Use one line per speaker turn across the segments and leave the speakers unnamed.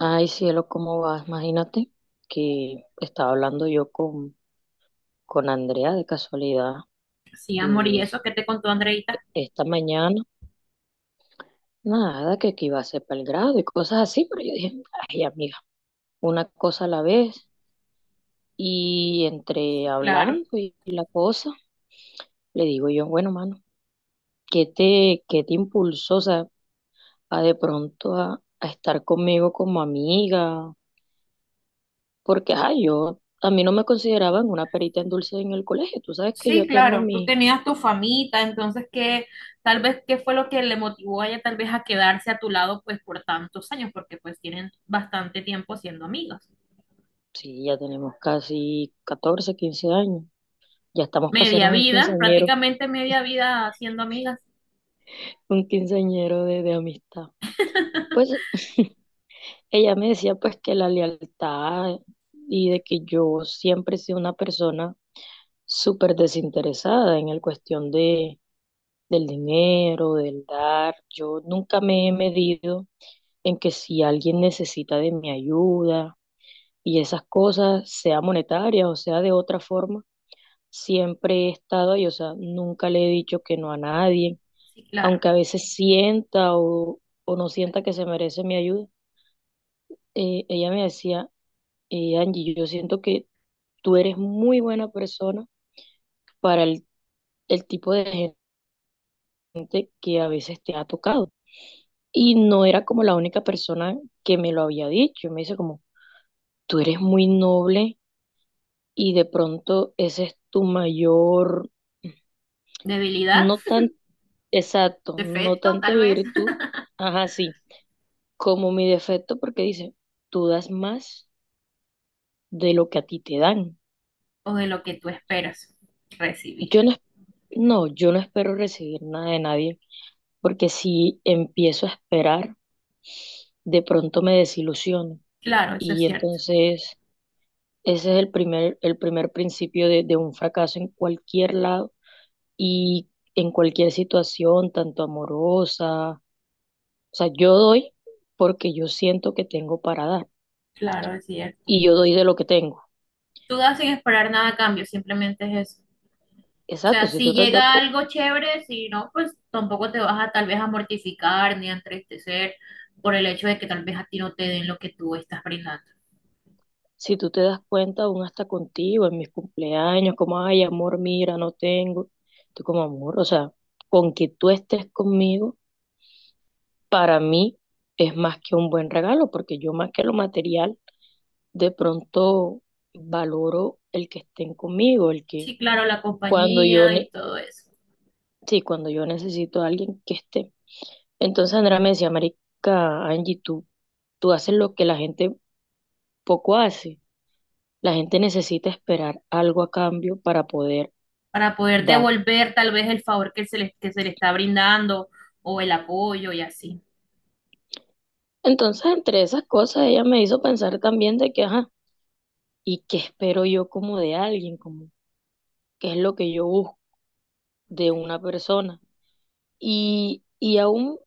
Ay, cielo, ¿cómo vas? Imagínate que estaba hablando yo con Andrea de casualidad
Sí, amor,
y
y eso que te contó Andreita.
esta mañana, nada, que aquí iba a ser para el grado y cosas así, pero yo dije, ay, amiga, una cosa a la vez. Y entre
Sí, claro.
hablando y la cosa, le digo yo, bueno, mano, ¿ qué te impulsó, o sea, a de pronto a estar conmigo como amiga? Porque, ay, yo... A mí no me consideraban una perita en dulce en el colegio. Tú sabes que
Sí,
yo tengo
claro. Tú
mi...
tenías tu famita, entonces qué, tal vez qué fue lo que le motivó a ella tal vez a quedarse a tu lado pues por tantos años, porque pues tienen bastante tiempo siendo amigas.
Sí, ya tenemos casi 14, 15 años. Ya estamos
Media
pasando
vida, prácticamente media vida siendo amigas.
un quinceañero de amistad. Pues ella me decía pues que la lealtad y de que yo siempre he sido una persona súper desinteresada en la cuestión del dinero, del dar. Yo nunca me he medido en que si alguien necesita de mi ayuda y esas cosas, sea monetaria o sea de otra forma siempre he estado ahí, o sea, nunca le he dicho que no a nadie,
Sí, claro.
aunque a veces o no sienta que se merece mi ayuda. Ella me decía, Angie, yo siento que tú eres muy buena persona para el tipo de gente que a veces te ha tocado. Y no era como la única persona que me lo había dicho. Me dice como, tú eres muy noble y de pronto ese es tu mayor...
Debilidad,
No tan... Exacto, no
defecto,
tanto
tal vez,
virtud, ajá, sí, como mi defecto porque dice, tú das más de lo que a ti te dan.
o de lo que tú esperas recibir.
Yo no, es- No, yo no espero recibir nada de nadie porque si empiezo a esperar, de pronto me desilusiono.
Claro, eso es
Y
cierto.
entonces ese es el el primer principio de un fracaso en cualquier lado y en cualquier situación, tanto amorosa. O sea, yo doy porque yo siento que tengo para dar,
Claro, es cierto.
y yo doy de lo que tengo.
Tú das sin esperar nada a cambio, simplemente es eso. O
Exacto,
sea,
si tú
si
te has dado
llega
cu-
algo chévere, si no, pues tampoco te vas a tal vez a mortificar ni a entristecer por el hecho de que tal vez a ti no te den lo que tú estás brindando.
Si tú te das cuenta, aún hasta contigo, en mis cumpleaños, como, ay, amor, mira, no tengo. Tú como amor, o sea, con que tú estés conmigo, para mí es más que un buen regalo, porque yo más que lo material, de pronto valoro el que estén conmigo, el que
Sí, claro, la
cuando yo,
compañía y
ne-
todo eso,
sí, cuando yo necesito a alguien que esté. Entonces Andrea me decía, marica, Angie, tú haces lo que la gente poco hace. La gente necesita esperar algo a cambio para poder
para poder
dar.
devolver tal vez el favor que se le está brindando o el apoyo y así.
Entonces, entre esas cosas, ella me hizo pensar también de que, ajá, ¿y qué espero yo como de alguien? Como, ¿qué es lo que yo busco de
Ok.
una persona? Y aún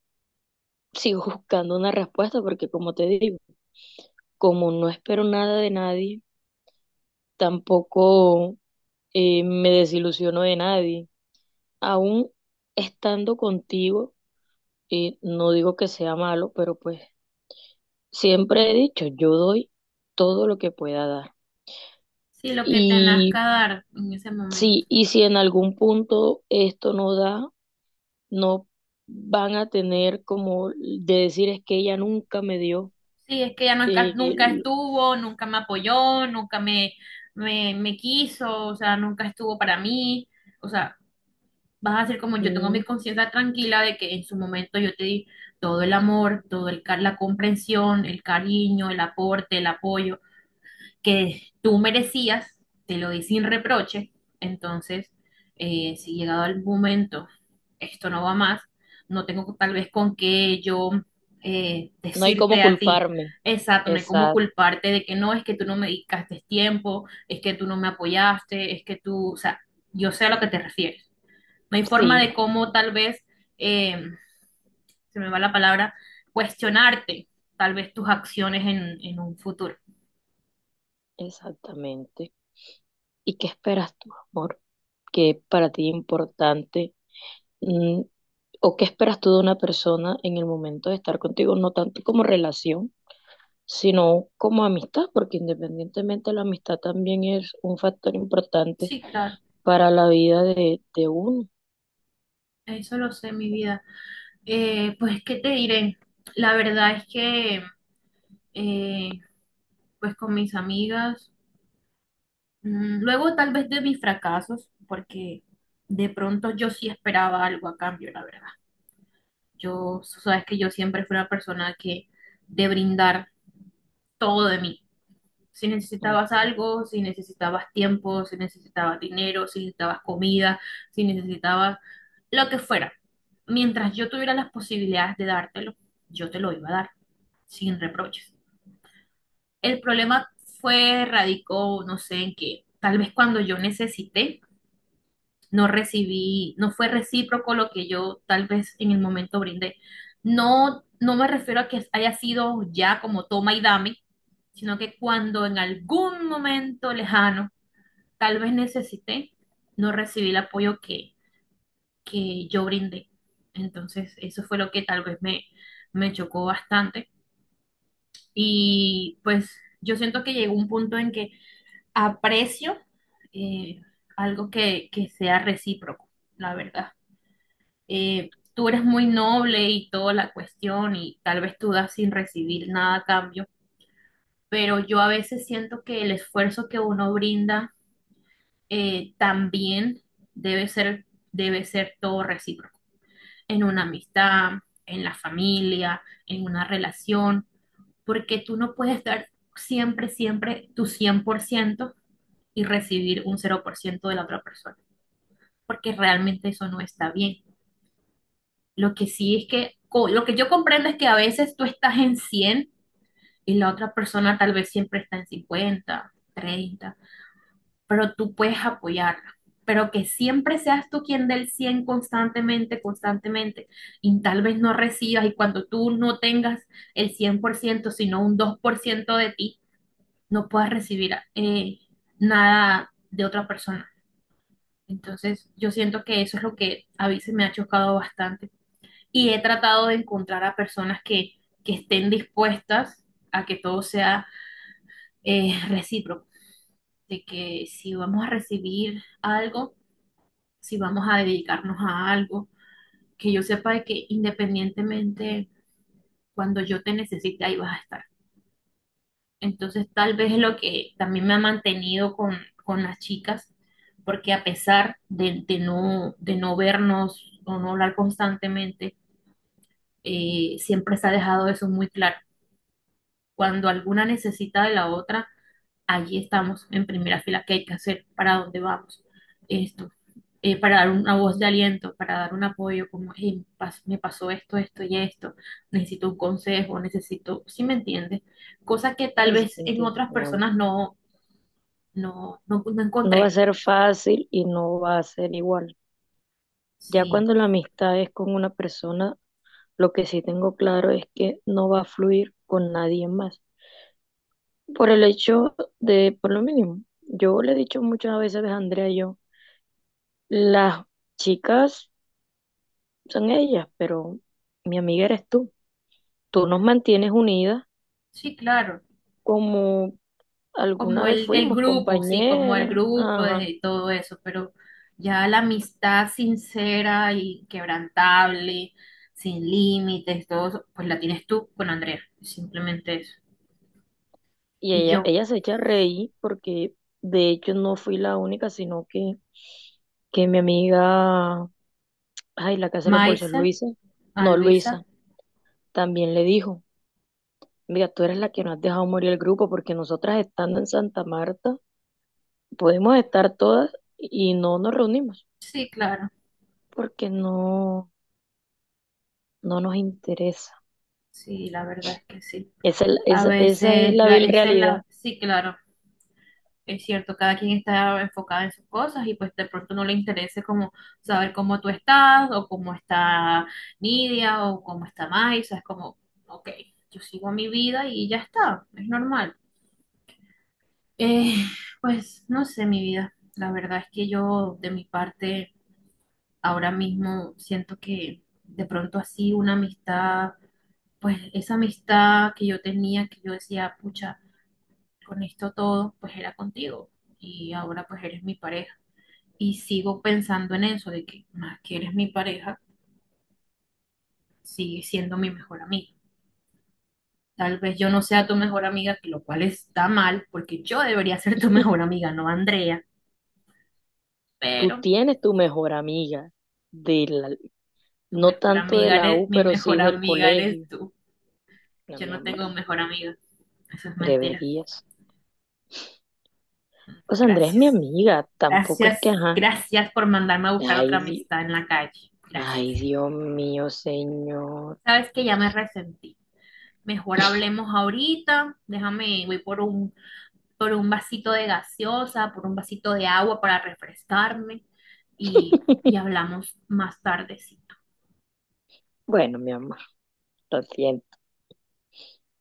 sigo buscando una respuesta porque, como te digo, como no espero nada de nadie, tampoco me desilusiono de nadie. Aún estando contigo, y no digo que sea malo, pero pues siempre he dicho, yo doy todo lo que pueda dar.
Sí, lo que te
y
nazca dar en ese
Sí,
momento.
y si en algún punto esto no da, no van a tener como de decir es que ella nunca me dio,
Sí, es que ella nunca,
eh,
nunca estuvo, nunca me apoyó, nunca me quiso, o sea, nunca estuvo para mí. O sea, vas a ser como yo tengo
mm,
mi conciencia tranquila de que en su momento yo te di todo el amor, todo el la comprensión, el cariño, el aporte, el apoyo que tú merecías, te lo di sin reproche. Entonces, si llegado el momento esto no va más, no tengo tal vez con qué yo
no hay cómo
decirte a ti.
culparme.
Exacto, no hay como
Exacto,
culparte de que no, es que tú no me dedicaste tiempo, es que tú no me apoyaste, es que tú, o sea, yo sé a lo que te refieres. No hay forma
sí.
de cómo tal vez, eh, se me va la palabra, cuestionarte tal vez tus acciones en un futuro.
Exactamente. ¿Y qué esperas tú, amor? ¿Qué para ti es importante? Mm, ¿o qué esperas tú de una persona en el momento de estar contigo? No tanto como relación, sino como amistad, porque independientemente la amistad también es un factor importante
Sí, claro,
para la vida de uno.
eso lo sé, mi vida. Pues, ¿qué te diré? La verdad es que, eh, pues con mis amigas, mm, luego tal vez de mis fracasos, porque de pronto yo sí esperaba algo a cambio, la verdad. Yo, sabes que yo siempre fui una persona que de brindar todo de mí. Si
Ujú.
necesitabas algo, si necesitabas tiempo, si necesitabas dinero, si necesitabas comida, si necesitabas lo que fuera. Mientras yo tuviera las posibilidades de dártelo, yo te lo iba a dar, sin reproches. El problema fue, radicó, no sé en qué, tal vez cuando yo necesité, no recibí, no fue recíproco lo que yo tal vez en el momento brindé. No, no me refiero a que haya sido ya como toma y dame, sino que cuando en algún momento lejano tal vez necesité no recibir el apoyo que yo brindé. Entonces, eso fue lo que tal vez me chocó bastante. Y pues yo siento que llegó un punto en que aprecio eh, algo que sea recíproco, la verdad. Tú eres muy noble y toda la cuestión y tal vez tú das sin recibir nada a cambio, pero yo a veces siento que el esfuerzo que uno brinda también debe ser, debe ser todo recíproco, en una amistad, en la familia, en una relación, porque tú no puedes dar siempre, siempre tu 100% y recibir un cero por ciento de la otra persona, porque realmente eso no está bien. Lo que sí es que, lo que yo comprendo es que a veces tú estás en 100 y la otra persona tal vez siempre está en 50 30 pero tú puedes apoyarla. Pero que siempre seas tú quien dé el 100 constantemente, constantemente, y tal vez no recibas, y cuando tú no tengas el 100%, sino un 2% de ti, no puedas recibir nada de otra persona. Entonces, yo siento que eso es lo que a veces me ha chocado bastante. Y he tratado de encontrar a personas que estén dispuestas a que todo sea recíproco, de que si vamos a recibir algo, si vamos a dedicarnos a algo, que yo sepa de que independientemente cuando yo te necesite, ahí vas a estar. Entonces, tal vez es lo que también me ha mantenido con las chicas, porque a pesar de no vernos o no hablar constantemente, siempre se ha dejado eso muy claro. Cuando alguna necesita de la otra, allí estamos en primera fila, qué hay que hacer, para dónde vamos, esto. Eh, para dar una voz de aliento, para dar un apoyo, como, "Hey, me pasó esto, esto y esto, necesito un consejo, necesito, si me entiendes? Cosa que tal
Sí, sí,
vez
te
en
entiendo,
otras
mi amor.
personas no
No va
encontré.
a ser fácil y no va a ser igual. Ya
Sí,
cuando la amistad es con una persona... Lo que sí tengo claro es que no va a fluir con nadie más. Por el hecho de, por lo mínimo, yo le he dicho muchas veces a Andrea, y yo, las chicas son ellas, pero mi amiga eres tú. Tú nos mantienes unidas
sí, claro.
como alguna
Como
vez
el
fuimos
grupo, sí, como el
compañeras.
grupo
Ajá.
de todo eso, pero ya la amistad sincera y quebrantable, sin límites, todo eso, pues la tienes tú con Andrea, simplemente eso.
Y
Y
ella,
yo,
ella se echa a reír porque de hecho no fui la única, sino que mi amiga, ay, la que hace los bolsos,
Maisa,
Luisa,
a
no, Luisa,
Luisa.
también le dijo. Mira, tú eres la que no has dejado morir el grupo porque nosotras estando en Santa Marta podemos estar todas y no nos reunimos
Sí, claro,
porque no nos interesa.
sí, la verdad es que sí. A
Esa es
veces,
la
la,
vil
esa es
realidad.
la, sí, claro, es cierto, cada quien está enfocado en sus cosas y pues de pronto no le interese como saber cómo tú estás o cómo está Nidia o cómo está Maisa, es como, ok, yo sigo mi vida y ya está, es normal. Eh, pues no sé, mi vida, la verdad es que yo de mi parte ahora mismo siento que de pronto así una amistad pues esa amistad que yo tenía, que yo decía, pucha, con esto todo, pues era contigo y ahora pues eres mi pareja. Y sigo pensando en eso, de que más que eres mi pareja, sigues siendo mi mejor amiga. Tal vez yo no sea tu mejor amiga, que lo cual está mal, porque yo debería ser tu mejor amiga, no Andrea,
Tú
pero
tienes tu mejor amiga, de la,
tu
no
mejor
tanto de
amiga
la
eres,
U,
mi
pero sí
mejor
del
amiga eres
colegio.
tú.
No,
Yo
mi
no
amor,
tengo mejor amiga, eso es mentira.
deberías. O sea, Andrea es mi
Gracias.
amiga, tampoco es que,
Gracias,
ajá.
gracias por mandarme a buscar
Ay,
otra
di-
amistad en la calle. Gracias.
Ay, Dios mío, señor.
Sabes que ya me resentí. Mejor hablemos ahorita. Déjame, voy por por un vasito de gaseosa, por un vasito de agua para refrescarme y hablamos más tarde, sí.
Bueno, mi amor, lo siento.